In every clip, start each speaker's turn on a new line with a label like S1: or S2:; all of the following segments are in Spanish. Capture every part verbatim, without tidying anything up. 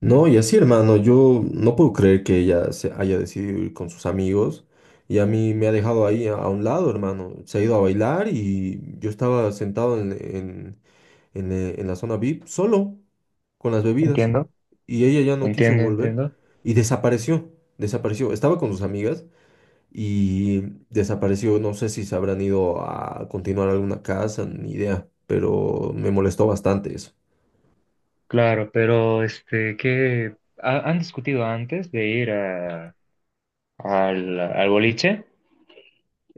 S1: No, y así, hermano, yo no puedo creer que ella se haya decidido ir con sus amigos y a mí me ha dejado ahí a, a un lado, hermano. Se ha ido a bailar y yo estaba sentado en, en, en, eh, en la zona V I P solo con las bebidas
S2: Entiendo,
S1: y ella ya no quiso
S2: entiendo,
S1: volver
S2: entiendo.
S1: y desapareció, desapareció. Estaba con sus amigas y desapareció. No sé si se habrán ido a continuar alguna casa, ni idea, pero me molestó bastante eso.
S2: Claro, pero este, ¿qué ha- han discutido antes de ir a- al, al boliche?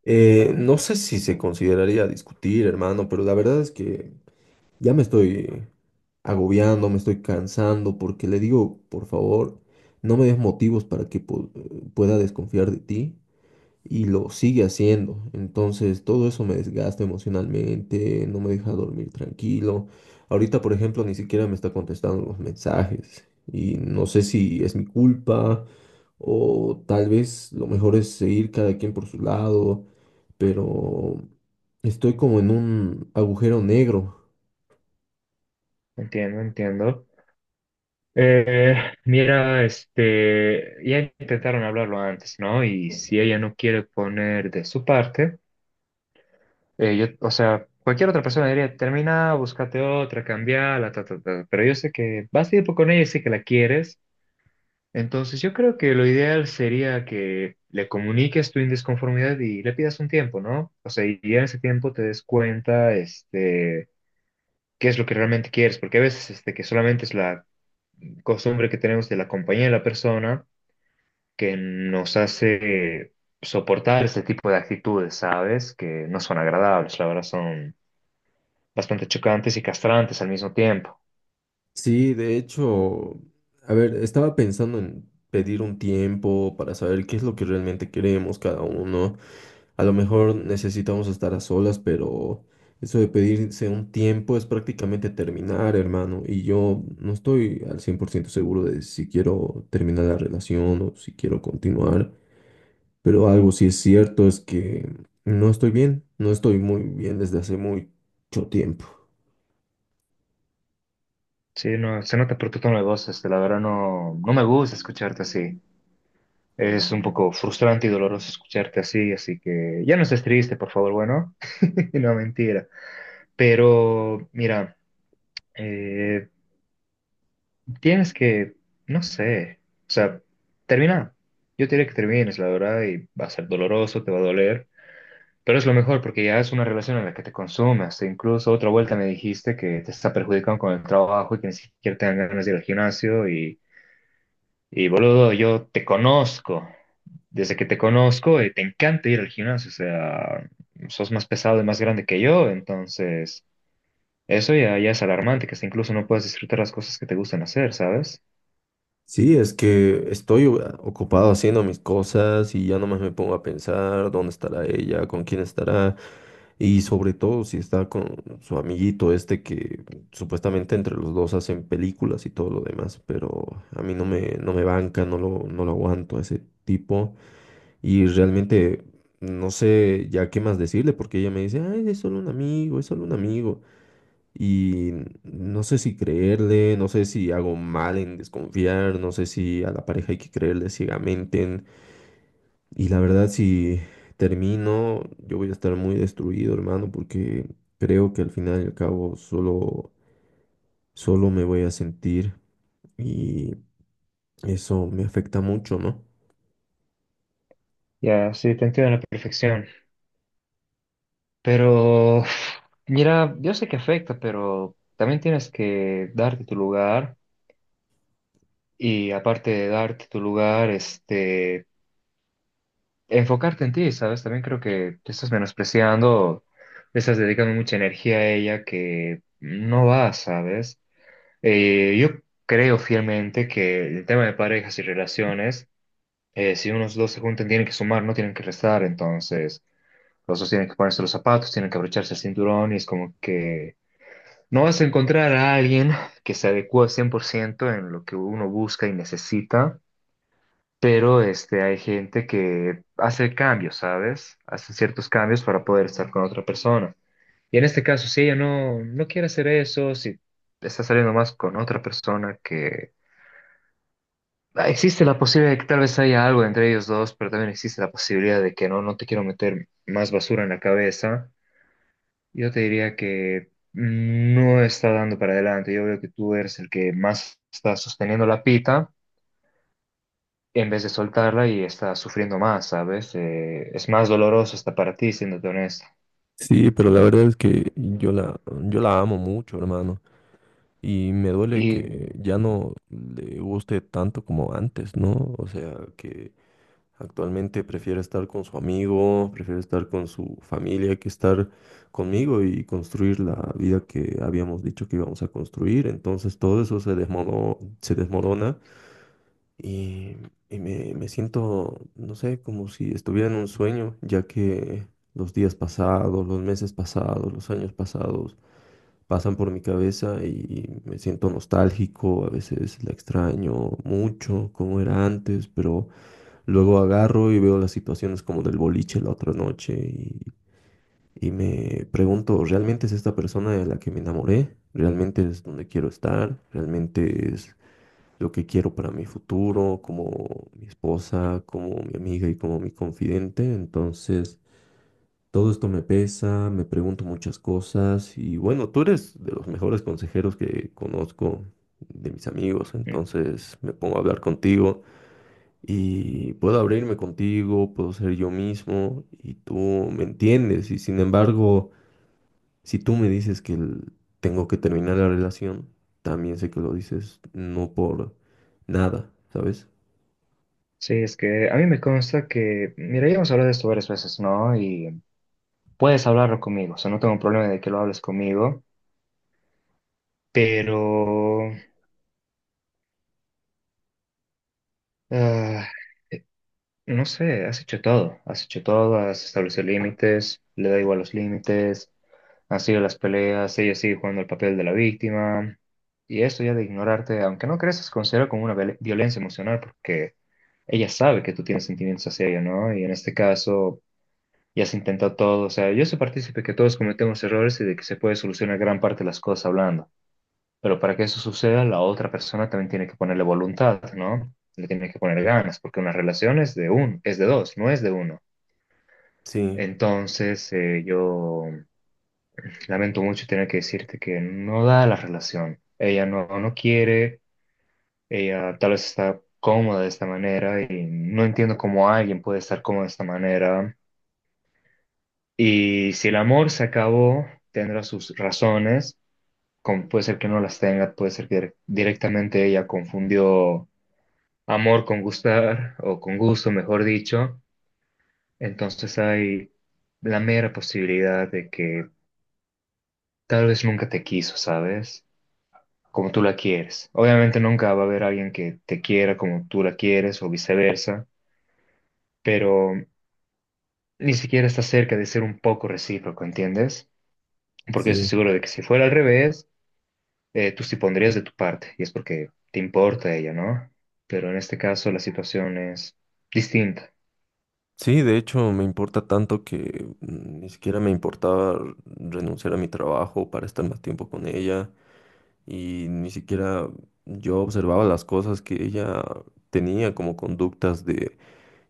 S1: Eh, no sé si se consideraría discutir, hermano, pero la verdad es que ya me estoy agobiando, me estoy cansando, porque le digo, por favor, no me des motivos para que pu- pueda desconfiar de ti y lo sigue haciendo. Entonces, todo eso me desgasta emocionalmente, no me deja dormir tranquilo. Ahorita, por ejemplo, ni siquiera me está contestando los mensajes y no sé si es mi culpa o tal vez lo mejor es seguir cada quien por su lado, pero estoy como en un agujero negro.
S2: Entiendo, entiendo. Eh, mira, este, ya intentaron hablarlo antes, ¿no? Y si ella no quiere poner de su parte, eh, yo, o sea, cualquier otra persona diría, termina, búscate otra, cambiala, ta, ta, ta. Pero yo sé que vas a ir con ella y sé que la quieres. Entonces, yo creo que lo ideal sería que le comuniques tu indisconformidad y le pidas un tiempo, ¿no? O sea, y ya en ese tiempo te des cuenta, este, qué es lo que realmente quieres, porque a veces, este, que solamente es la costumbre que tenemos de la compañía de la persona que nos hace soportar ese tipo de actitudes, ¿sabes? Que no son agradables, la verdad, son bastante chocantes y castrantes al mismo tiempo.
S1: Sí, de hecho, a ver, estaba pensando en pedir un tiempo para saber qué es lo que realmente queremos cada uno. A lo mejor necesitamos estar a solas, pero eso de pedirse un tiempo es prácticamente terminar, hermano. Y yo no estoy al cien por ciento seguro de si quiero terminar la relación o si quiero continuar. Pero algo sí es cierto es que no estoy bien, no estoy muy bien desde hace mucho tiempo.
S2: Sí, no, se nota por tu tono de voz, este, la verdad no, no me gusta escucharte así. Es un poco frustrante y doloroso escucharte así, así que ya no estés triste, por favor, bueno, no mentira. Pero mira, eh, tienes que, no sé, o sea, termina. Yo te diré que termines, la verdad, y va a ser doloroso, te va a doler, pero es lo mejor porque ya es una relación en la que te consumes. E incluso otra vuelta me dijiste que te está perjudicando con el trabajo y que ni siquiera te dan ganas de ir al gimnasio y Y boludo, yo te conozco. Desde que te conozco, eh, te encanta ir al gimnasio. O sea, sos más pesado y más grande que yo. Entonces, eso ya, ya es alarmante, que hasta incluso no puedes disfrutar las cosas que te gustan hacer, ¿sabes?
S1: Sí, es que estoy o- ocupado haciendo mis cosas y ya nomás me pongo a pensar dónde estará ella, con quién estará y sobre todo si está con su amiguito este que supuestamente entre los dos hacen películas y todo lo demás, pero a mí no me, no me banca, no lo, no lo aguanto a ese tipo y realmente no sé ya qué más decirle porque ella me dice, ay, es solo un amigo, es solo un amigo. Y no sé si creerle, no sé si hago mal en desconfiar, no sé si a la pareja hay que creerle ciegamente. en- Y la verdad, si termino, yo voy a estar muy destruido, hermano, porque creo que al final y al cabo solo, solo me voy a sentir y eso me afecta mucho, ¿no?
S2: Ya, sí, te entiendo a la perfección. Pero, uf, mira, yo sé que afecta, pero también tienes que darte tu lugar. Y aparte de darte tu lugar, este, enfocarte en ti, ¿sabes? También creo que te estás menospreciando, le estás dedicando mucha energía a ella que no va, ¿sabes? Eh, yo creo fielmente que el tema de parejas y relaciones, eh, si unos dos se juntan, tienen que sumar, no tienen que restar, entonces los dos tienen que ponerse los zapatos, tienen que abrocharse el cinturón y es como que no vas a encontrar a alguien que se adecue cien por ciento en lo que uno busca y necesita, pero este, hay gente que hace cambios, ¿sabes? Hace ciertos cambios para poder estar con otra persona. Y en este caso, si ella no, no quiere hacer eso, si está saliendo más con otra persona que... Ah, existe la posibilidad de que tal vez haya algo entre ellos dos, pero también existe la posibilidad de que no, no te quiero meter más basura en la cabeza. Yo te diría que no está dando para adelante. Yo veo que tú eres el que más está sosteniendo la pita en vez de soltarla y estás sufriendo más, ¿sabes? Eh, es más doloroso hasta para ti, siéndote honesto.
S1: Sí, pero la verdad es que yo la, yo la amo mucho, hermano. Y me duele
S2: Y
S1: que
S2: mm,
S1: ya no le guste tanto como antes, ¿no? O sea, que actualmente prefiero estar con su amigo, prefiero estar con su familia que estar conmigo y construir la vida que habíamos dicho que íbamos a construir. Entonces todo eso se desmono- se desmorona y, y me, me siento, no sé, como si estuviera en un sueño, ya que los días pasados, los meses pasados, los años pasados pasan por mi cabeza y me siento nostálgico, a veces la extraño mucho, como era antes, pero luego agarro y veo las situaciones como del boliche la otra noche y, y me pregunto, ¿realmente es esta persona de la que me enamoré? ¿Realmente es donde quiero estar? ¿Realmente es lo que quiero para mi futuro, como mi esposa, como mi amiga y como mi confidente? Entonces, todo esto me pesa, me pregunto muchas cosas y bueno, tú eres de los mejores consejeros que conozco de mis amigos, entonces me pongo a hablar contigo y puedo abrirme contigo, puedo ser yo mismo y tú me entiendes y sin embargo, si tú me dices que el- tengo que terminar la relación, también sé que lo dices no por nada, ¿sabes?
S2: sí, es que a mí me consta que, mira, ya hemos hablado de esto varias veces, ¿no? Y puedes hablarlo conmigo, o sea, no tengo problema de que lo hables conmigo, pero, ah, no sé, has hecho todo, has hecho todo, has establecido límites, le da igual los límites, han sido las peleas, ella sigue jugando el papel de la víctima. Y eso ya de ignorarte, aunque no creas, es considerado como una viol- violencia emocional porque ella sabe que tú tienes sentimientos hacia ella, ¿no? Y en este caso ya se intentó todo, o sea, yo soy partícipe que todos cometemos errores y de que se puede solucionar gran parte de las cosas hablando, pero para que eso suceda, la otra persona también tiene que ponerle voluntad, ¿no? Le tiene que poner ganas, porque una relación es de un, es de dos, no es de uno.
S1: Sí.
S2: Entonces, eh, yo lamento mucho tener que decirte que no da la relación. Ella no, no quiere, ella tal vez está cómoda de esta manera y no entiendo cómo alguien puede estar cómodo de esta manera. Y si el amor se acabó, tendrá sus razones, como puede ser que no las tenga, puede ser que dire- directamente ella confundió amor con gustar, o con gusto, mejor dicho. Entonces hay la mera posibilidad de que tal vez nunca te quiso, ¿sabes? Como tú la quieres. Obviamente nunca va a haber alguien que te quiera como tú la quieres, o viceversa, pero ni siquiera está cerca de ser un poco recíproco, ¿entiendes? Porque estoy
S1: Sí.
S2: seguro de que si fuera al revés, eh, tú sí pondrías de tu parte, y es porque te importa ella, ¿no? Pero en este caso la situación es distinta,
S1: Sí, de hecho me importa tanto que mm, ni siquiera me importaba renunciar a mi trabajo para estar más tiempo con ella y ni siquiera yo observaba las cosas que ella tenía como conductas de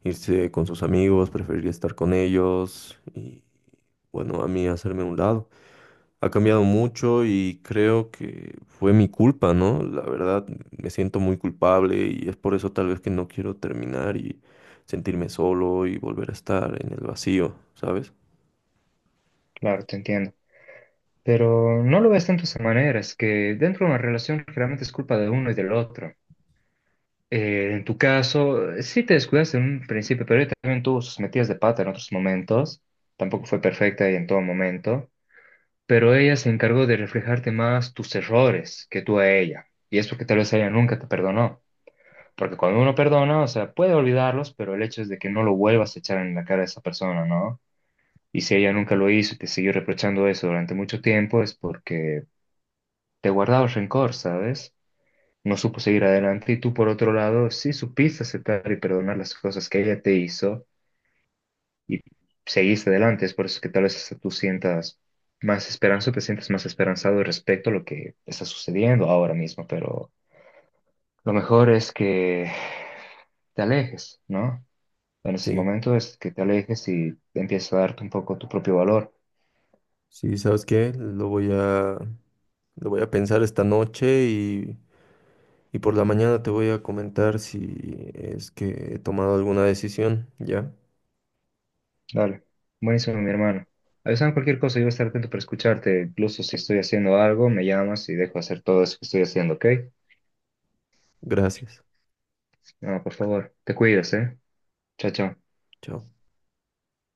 S1: irse con sus amigos, preferir estar con ellos y bueno, a mí hacerme a un lado ha cambiado mucho y creo que fue mi culpa, ¿no? La verdad, me siento muy culpable y es por eso tal vez que no quiero terminar y sentirme solo y volver a estar en el vacío, ¿sabes?
S2: claro, te entiendo. Pero no lo ves tanto de esa manera, es que dentro de una relación generalmente es culpa de uno y del otro. Eh, en tu caso, eh, sí te descuidaste en un principio, pero ella también tuvo sus metidas de pata en otros momentos, tampoco fue perfecta y en todo momento, pero ella se encargó de reflejarte más tus errores que tú a ella, y es porque tal vez ella nunca te perdonó. Porque cuando uno perdona, o sea, puede olvidarlos, pero el hecho es de que no lo vuelvas a echar en la cara a esa persona, ¿no? Y si ella nunca lo hizo y te siguió reprochando eso durante mucho tiempo, es porque te guardaba el rencor, ¿sabes? No supo seguir adelante y tú, por otro lado, sí supiste aceptar y perdonar las cosas que ella te hizo y seguiste adelante. Es por eso que tal vez hasta tú sientas más esperanza, te sientes más esperanzado respecto a lo que está sucediendo ahora mismo, pero lo mejor es que te alejes, ¿no? En este
S1: Sí,
S2: momento es que te alejes y empiezas a darte un poco tu propio valor.
S1: sí, ¿sabes qué? Lo voy a, lo voy a pensar esta noche y, y por la mañana te voy a comentar si es que he tomado alguna decisión, ¿ya?
S2: Dale. Buenísimo, mi hermano. Avísame cualquier cosa, yo voy a estar atento para escucharte. Incluso si estoy haciendo algo, me llamas y dejo hacer todo eso que estoy haciendo, ¿ok?
S1: Gracias.
S2: No, por favor, te cuidas, ¿eh? Chao, chao.
S1: Chao.